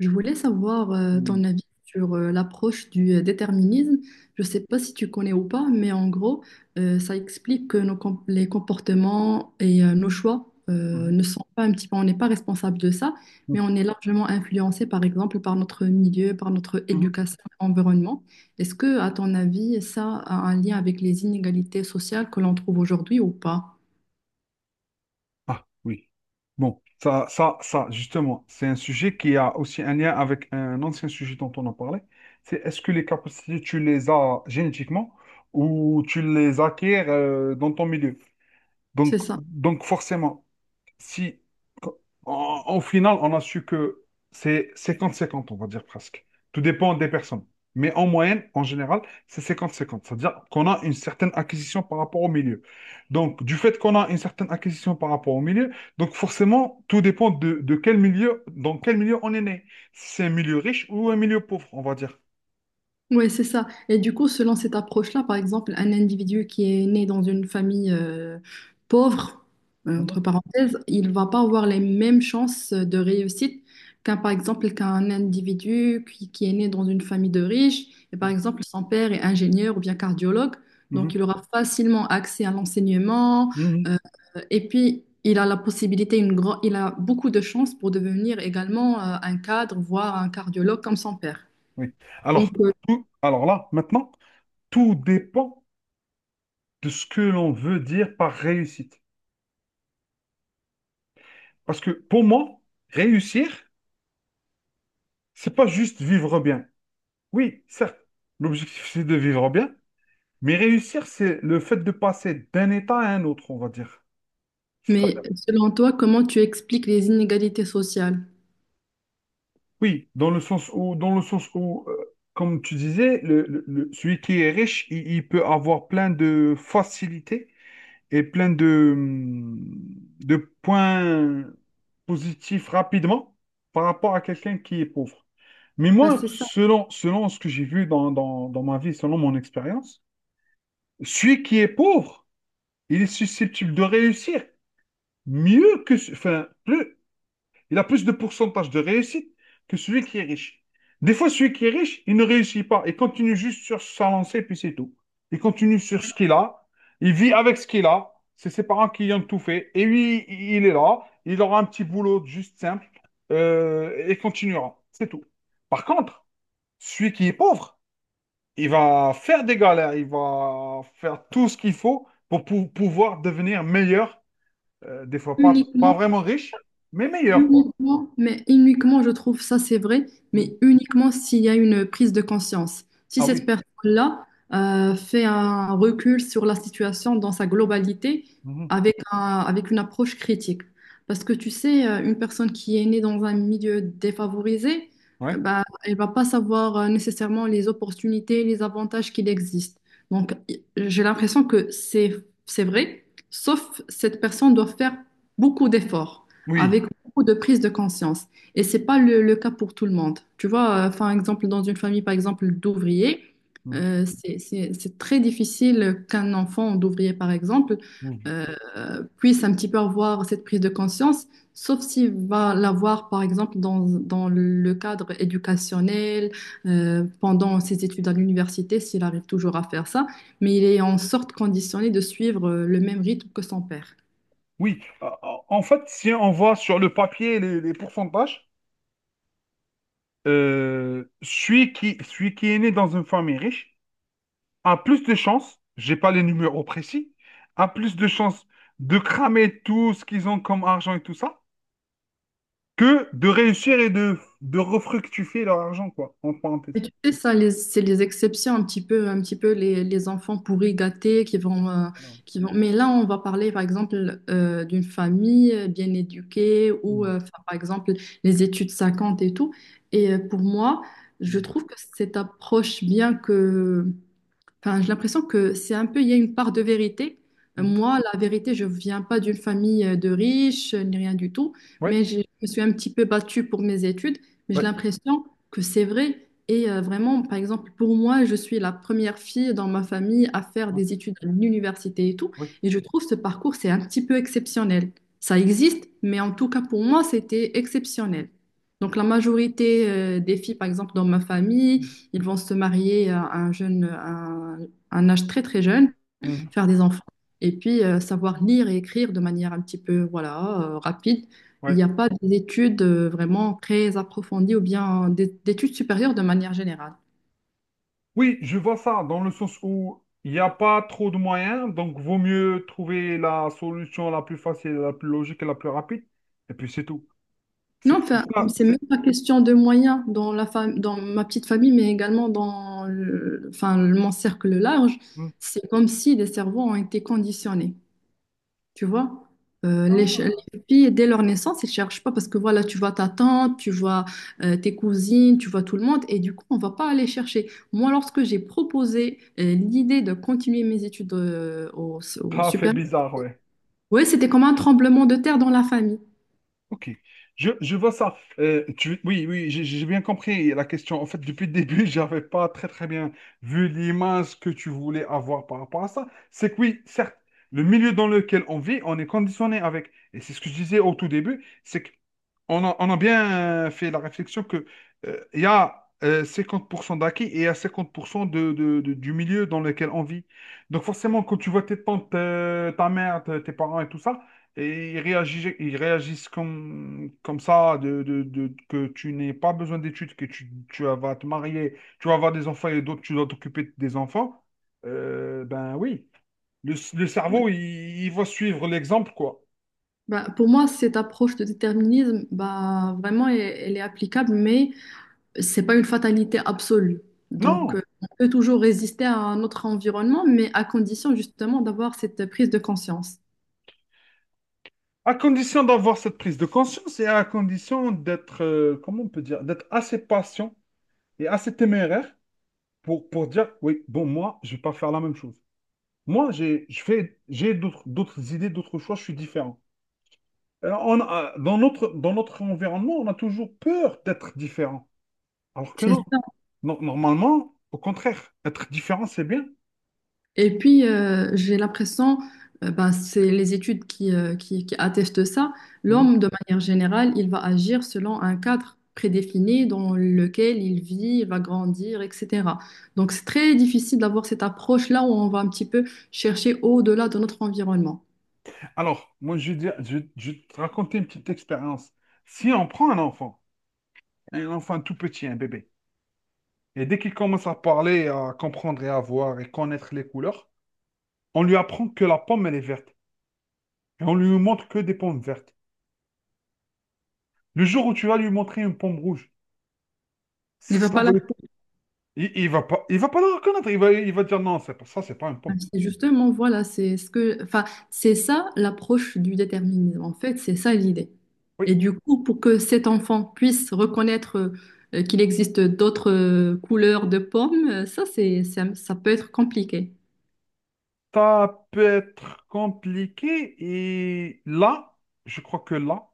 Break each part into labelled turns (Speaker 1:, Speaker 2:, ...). Speaker 1: Je voulais savoir
Speaker 2: Mhm,
Speaker 1: ton avis sur l'approche du déterminisme. Je ne sais pas si tu connais ou pas, mais en gros, ça explique que les comportements et nos choix
Speaker 2: mhm,
Speaker 1: ne sont pas un petit peu, on n'est pas responsable de ça,
Speaker 2: mhm,
Speaker 1: mais on est largement influencé, par exemple, par notre milieu, par notre
Speaker 2: mhm.
Speaker 1: éducation, environnement. Est-ce que, à ton avis, ça a un lien avec les inégalités sociales que l'on trouve aujourd'hui ou pas?
Speaker 2: Ah oui. Bon, ça, justement, c'est un sujet qui a aussi un lien avec un ancien sujet dont on a parlé. C'est Est-ce que les capacités, tu les as génétiquement ou tu les acquiers dans ton milieu?
Speaker 1: C'est
Speaker 2: Donc,
Speaker 1: ça.
Speaker 2: donc forcément, si, en finale, on a su que c'est 50-50, on va dire presque. Tout dépend des personnes. Mais en moyenne, en général, c'est 50-50. Cest C'est-à-dire qu'on a une certaine acquisition par rapport au milieu. Donc, du fait qu'on a une certaine acquisition par rapport au milieu, donc forcément, tout dépend dans quel milieu on est né. Si c'est un milieu riche ou un milieu pauvre, on va dire.
Speaker 1: Ouais, c'est ça. Et du coup, selon cette approche-là, par exemple, un individu qui est né dans une famille pauvre,
Speaker 2: Mhm,
Speaker 1: entre parenthèses, il va pas avoir les mêmes chances de réussite qu'un, par exemple, qu'un individu qui est né dans une famille de riches. Et par exemple, son père est ingénieur ou bien cardiologue,
Speaker 2: mhm,
Speaker 1: donc il aura facilement accès à l'enseignement.
Speaker 2: mhm,
Speaker 1: euh, et puis, il a la possibilité, il a beaucoup de chances pour devenir également un cadre, voire un cardiologue comme son père.
Speaker 2: oui.
Speaker 1: Donc,
Speaker 2: Alors,
Speaker 1: euh,
Speaker 2: alors là, maintenant, tout dépend de ce que l'on veut dire par réussite. Parce que pour moi, réussir, c'est pas juste vivre bien. Oui, certes, l'objectif, c'est de vivre bien, mais réussir, c'est le fait de passer d'un état à un autre, on va dire. C'est-à-dire,
Speaker 1: Mais selon toi, comment tu expliques les inégalités sociales?
Speaker 2: oui, dans le sens où, dans le sens où, comme tu disais, celui qui est riche, il peut avoir plein de facilités et plein de points positifs rapidement par rapport à quelqu'un qui est pauvre. Mais
Speaker 1: Ben,
Speaker 2: moi,
Speaker 1: c'est ça,
Speaker 2: selon ce que j'ai vu dans ma vie, selon mon expérience, celui qui est pauvre, il est susceptible de réussir mieux que, enfin, plus, il a plus de pourcentage de réussite que celui qui est riche. Des fois, celui qui est riche, il ne réussit pas. Il continue juste sur sa lancée, puis c'est tout. Il continue sur ce qu'il a. Il vit avec ce qu'il a. C'est ses parents qui lui ont tout fait. Et lui, il est là. Il aura un petit boulot juste simple, et continuera. C'est tout. Par contre, celui qui est pauvre, il va faire des galères. Il va faire tout ce qu'il faut pour, pouvoir devenir meilleur. Des fois, pas
Speaker 1: uniquement.
Speaker 2: vraiment riche, mais meilleur, quoi.
Speaker 1: Uniquement, mais uniquement, je trouve ça c'est vrai,
Speaker 2: Mm.
Speaker 1: mais uniquement s'il y a une prise de conscience. Si
Speaker 2: Ah
Speaker 1: cette
Speaker 2: oui.
Speaker 1: personne-là fait un recul sur la situation dans sa globalité
Speaker 2: Mhm.
Speaker 1: avec avec une approche critique. Parce que tu sais, une personne qui est née dans un milieu défavorisé,
Speaker 2: Ouais.
Speaker 1: bah, elle va pas savoir nécessairement les opportunités, les avantages qu'il existe. Donc, j'ai l'impression que c'est vrai, sauf cette personne doit faire beaucoup d'efforts
Speaker 2: Oui.
Speaker 1: avec beaucoup de prise de conscience. Et c'est pas le cas pour tout le monde. Tu vois, par exemple, dans une famille, par exemple, d'ouvriers,
Speaker 2: Mhm.
Speaker 1: c'est très difficile qu'un enfant d'ouvrier, par exemple,
Speaker 2: Mhm.
Speaker 1: euh, puisse un petit peu avoir cette prise de conscience, sauf s'il va l'avoir, par exemple, dans le cadre éducationnel, pendant ses études à l'université, s'il arrive toujours à faire ça, mais il est en sorte conditionné de suivre le même rythme que son père.
Speaker 2: Oui. En fait, si on voit sur le papier les pourcentages, celui qui est né dans une famille riche a plus de chances, j'ai pas les numéros précis, a plus de chances de cramer tout ce qu'ils ont comme argent et tout ça, que de réussir et de refructifier leur argent, quoi, en
Speaker 1: Mais
Speaker 2: parenthèse.
Speaker 1: tu sais, ça, c'est les exceptions, un petit peu les enfants pourris gâtés qui vont, euh,
Speaker 2: Voilà.
Speaker 1: qui vont. Mais là, on va parler, par exemple, d'une famille bien éduquée ou,
Speaker 2: Mhm.
Speaker 1: enfin, par exemple, les études 50 et tout. Et pour moi, je trouve que cette approche, bien que... Enfin, j'ai l'impression que c'est un peu, il y a une part de vérité.
Speaker 2: Mhm.
Speaker 1: Moi, la vérité, je viens pas d'une famille de riches, ni rien du tout,
Speaker 2: Ouais.
Speaker 1: mais je me suis un petit peu battue pour mes études, mais j'ai
Speaker 2: Ouais.
Speaker 1: l'impression que c'est vrai. Et vraiment, par exemple, pour moi, je suis la première fille dans ma famille à faire
Speaker 2: Ouais.
Speaker 1: des études à l'université et tout,
Speaker 2: Oui.
Speaker 1: et je trouve ce parcours, c'est un petit peu exceptionnel. Ça existe, mais en tout cas, pour moi, c'était exceptionnel. Donc, la majorité des filles, par exemple, dans ma famille,
Speaker 2: Oui.
Speaker 1: ils vont se marier à un jeune, à un âge très très jeune,
Speaker 2: Mhm.
Speaker 1: faire des enfants, et puis savoir lire et écrire de manière un petit peu voilà rapide. Il
Speaker 2: Ouais.
Speaker 1: n'y a pas d'études vraiment très approfondies ou bien d'études supérieures de manière générale.
Speaker 2: Oui, je vois ça dans le sens où il n'y a pas trop de moyens, donc vaut mieux trouver la solution la plus facile, la plus logique et la plus rapide, et puis c'est tout.
Speaker 1: Non,
Speaker 2: C'est
Speaker 1: enfin,
Speaker 2: c'est ça,
Speaker 1: c'est même
Speaker 2: c'est...
Speaker 1: pas question de moyens dans dans ma petite famille, mais également dans mon cercle large.
Speaker 2: Hmm.
Speaker 1: C'est comme si les cerveaux ont été conditionnés. Tu vois, euh,
Speaker 2: Ah,
Speaker 1: les filles, dès leur naissance, elles cherchent pas parce que voilà, tu vois ta tante, tu vois tes cousines, tu vois tout le monde, et du coup, on va pas aller chercher. Moi, lorsque j'ai proposé l'idée de continuer mes études au
Speaker 2: ça fait
Speaker 1: supérieur,
Speaker 2: bizarre, ouais.
Speaker 1: oui, c'était comme un tremblement de terre dans la famille.
Speaker 2: Ok, je vois ça. Oui, oui, j'ai bien compris la question. En fait, depuis le début, j'avais pas très très bien vu l'image que tu voulais avoir par rapport à ça. C'est que oui, certes, le milieu dans lequel on vit, on est conditionné avec. Et c'est ce que je disais au tout début, c'est que on a bien fait la réflexion que il y a 50% d'acquis et il y a 50% du milieu dans lequel on vit. Donc forcément, quand tu vois tes tantes, ta mère, tes parents et tout ça, et ils réagissent comme, comme ça, que tu n'aies pas besoin d'études, que tu vas te marier, tu vas avoir des enfants et d'autres, tu dois t'occuper des enfants. Ben oui, le
Speaker 1: Ouais.
Speaker 2: cerveau, il va suivre l'exemple, quoi.
Speaker 1: Bah, pour moi, cette approche de déterminisme, bah, vraiment, elle est applicable, mais c'est pas une fatalité absolue. Donc,
Speaker 2: Non,
Speaker 1: on peut toujours résister à notre environnement, mais à condition justement d'avoir cette prise de conscience.
Speaker 2: à condition d'avoir cette prise de conscience et à condition d'être, comment on peut dire, d'être assez patient et assez téméraire pour, dire, oui, bon, moi, je vais pas faire la même chose. Moi, j'ai d'autres, d'autres idées, d'autres choix, je suis différent. Dans notre environnement, on a toujours peur d'être différent. Alors que
Speaker 1: C'est
Speaker 2: non.
Speaker 1: ça.
Speaker 2: Non, normalement, au contraire, être différent, c'est bien.
Speaker 1: Et puis, j'ai l'impression, ben, c'est les études qui attestent ça,
Speaker 2: Mhm.
Speaker 1: l'homme, de manière générale, il va agir selon un cadre prédéfini dans lequel il vit, il va grandir, etc. Donc, c'est très difficile d'avoir cette approche-là où on va un petit peu chercher au-delà de notre environnement.
Speaker 2: Alors, moi, je vais te raconter une petite expérience. Si on prend un enfant tout petit, un bébé, et dès qu'il commence à parler, à comprendre et à voir et connaître les couleurs, on lui apprend que la pomme, elle est verte. Et on lui montre que des pommes vertes. Le jour où tu vas lui montrer une pomme rouge,
Speaker 1: Il ne va
Speaker 2: ça
Speaker 1: pas
Speaker 2: va,
Speaker 1: la...
Speaker 2: il va pas la reconnaître. Il va dire non, c'est pas ça, c'est pas une pomme.
Speaker 1: C'est justement, voilà, c'est ce que, enfin, c'est ça l'approche du déterminisme. En fait, c'est ça l'idée.
Speaker 2: Oui,
Speaker 1: Et du coup, pour que cet enfant puisse reconnaître qu'il existe d'autres couleurs de pommes, ça peut être compliqué.
Speaker 2: ça peut être compliqué et là, je crois que là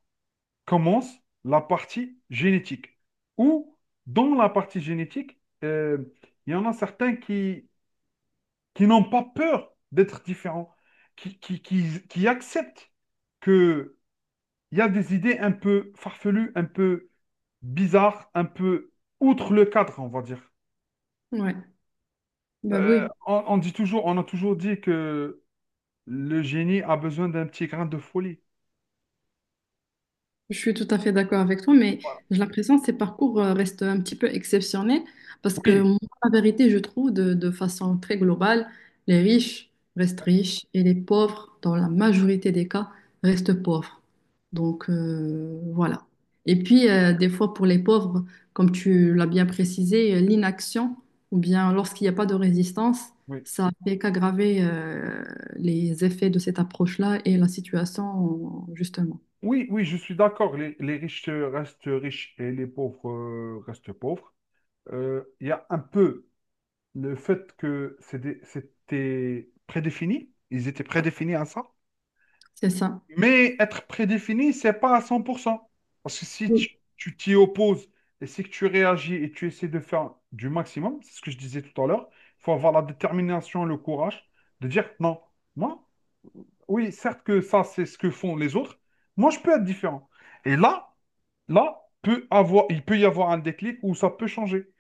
Speaker 2: commence la partie génétique. Ou dans la partie génétique, il y en a certains qui, n'ont pas peur d'être différents, qui acceptent qu'il y a des idées un peu farfelues, un peu bizarres, un peu outre le cadre, on va dire.
Speaker 1: Ouais, bah oui.
Speaker 2: On dit toujours, on a toujours dit que le génie a besoin d'un petit grain de folie.
Speaker 1: Je suis tout à fait d'accord avec toi, mais j'ai l'impression que ces parcours restent un petit peu exceptionnels parce que
Speaker 2: Oui,
Speaker 1: moi, la vérité, je trouve de façon très globale, les riches restent riches et les pauvres, dans la majorité des cas, restent pauvres. Donc voilà. Et puis, des fois, pour les pauvres, comme tu l'as bien précisé, l'inaction ou bien lorsqu'il n'y a pas de résistance,
Speaker 2: oui,
Speaker 1: ça fait qu'aggraver les effets de cette approche-là et la situation, justement.
Speaker 2: oui, oui, je suis d'accord. Les riches, restent riches et les pauvres, restent pauvres. Il y a un peu le fait que c'était prédéfini. Ils étaient prédéfinis à ça.
Speaker 1: C'est ça.
Speaker 2: Mais être prédéfini, c'est pas à 100%. Parce que si tu t'y opposes et si que tu réagis et tu essaies de faire du maximum, c'est ce que je disais tout à l'heure, il faut avoir la détermination, le courage de dire non. Moi, oui, certes que ça, c'est ce que font les autres. Moi, je peux être différent. Et là, il peut y avoir un déclic où ça peut changer.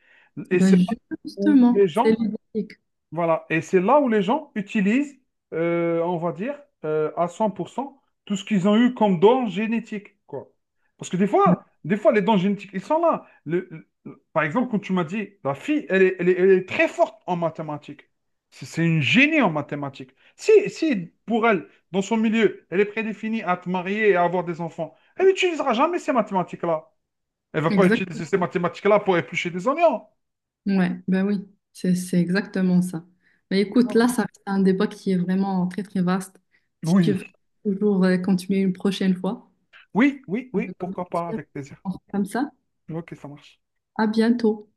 Speaker 2: Et
Speaker 1: Bah
Speaker 2: c'est là où
Speaker 1: justement,
Speaker 2: les
Speaker 1: c'est
Speaker 2: gens
Speaker 1: ludique.
Speaker 2: voilà, et c'est là où les gens utilisent, on va dire, à 100% tout ce qu'ils ont eu comme don génétique, quoi. Parce que des fois, les dons génétiques, ils sont là. Par exemple, quand tu m'as dit, la fille, elle est très forte en mathématiques. C'est une génie en mathématiques. Si, si, Pour elle, dans son milieu, elle est prédéfinie à te marier et à avoir des enfants, elle n'utilisera jamais ces mathématiques-là. Elle va pas
Speaker 1: Exact.
Speaker 2: utiliser ces mathématiques-là pour éplucher des oignons.
Speaker 1: Ouais, bah oui, c'est exactement ça. Mais écoute,
Speaker 2: Voilà.
Speaker 1: là, ça c'est un débat qui est vraiment très très vaste. Si tu
Speaker 2: Oui.
Speaker 1: veux toujours continuer une prochaine fois,
Speaker 2: Oui, oui,
Speaker 1: je
Speaker 2: oui,
Speaker 1: dois
Speaker 2: pourquoi pas,
Speaker 1: partir.
Speaker 2: avec plaisir.
Speaker 1: On fait comme ça.
Speaker 2: Ok, ça marche.
Speaker 1: À bientôt.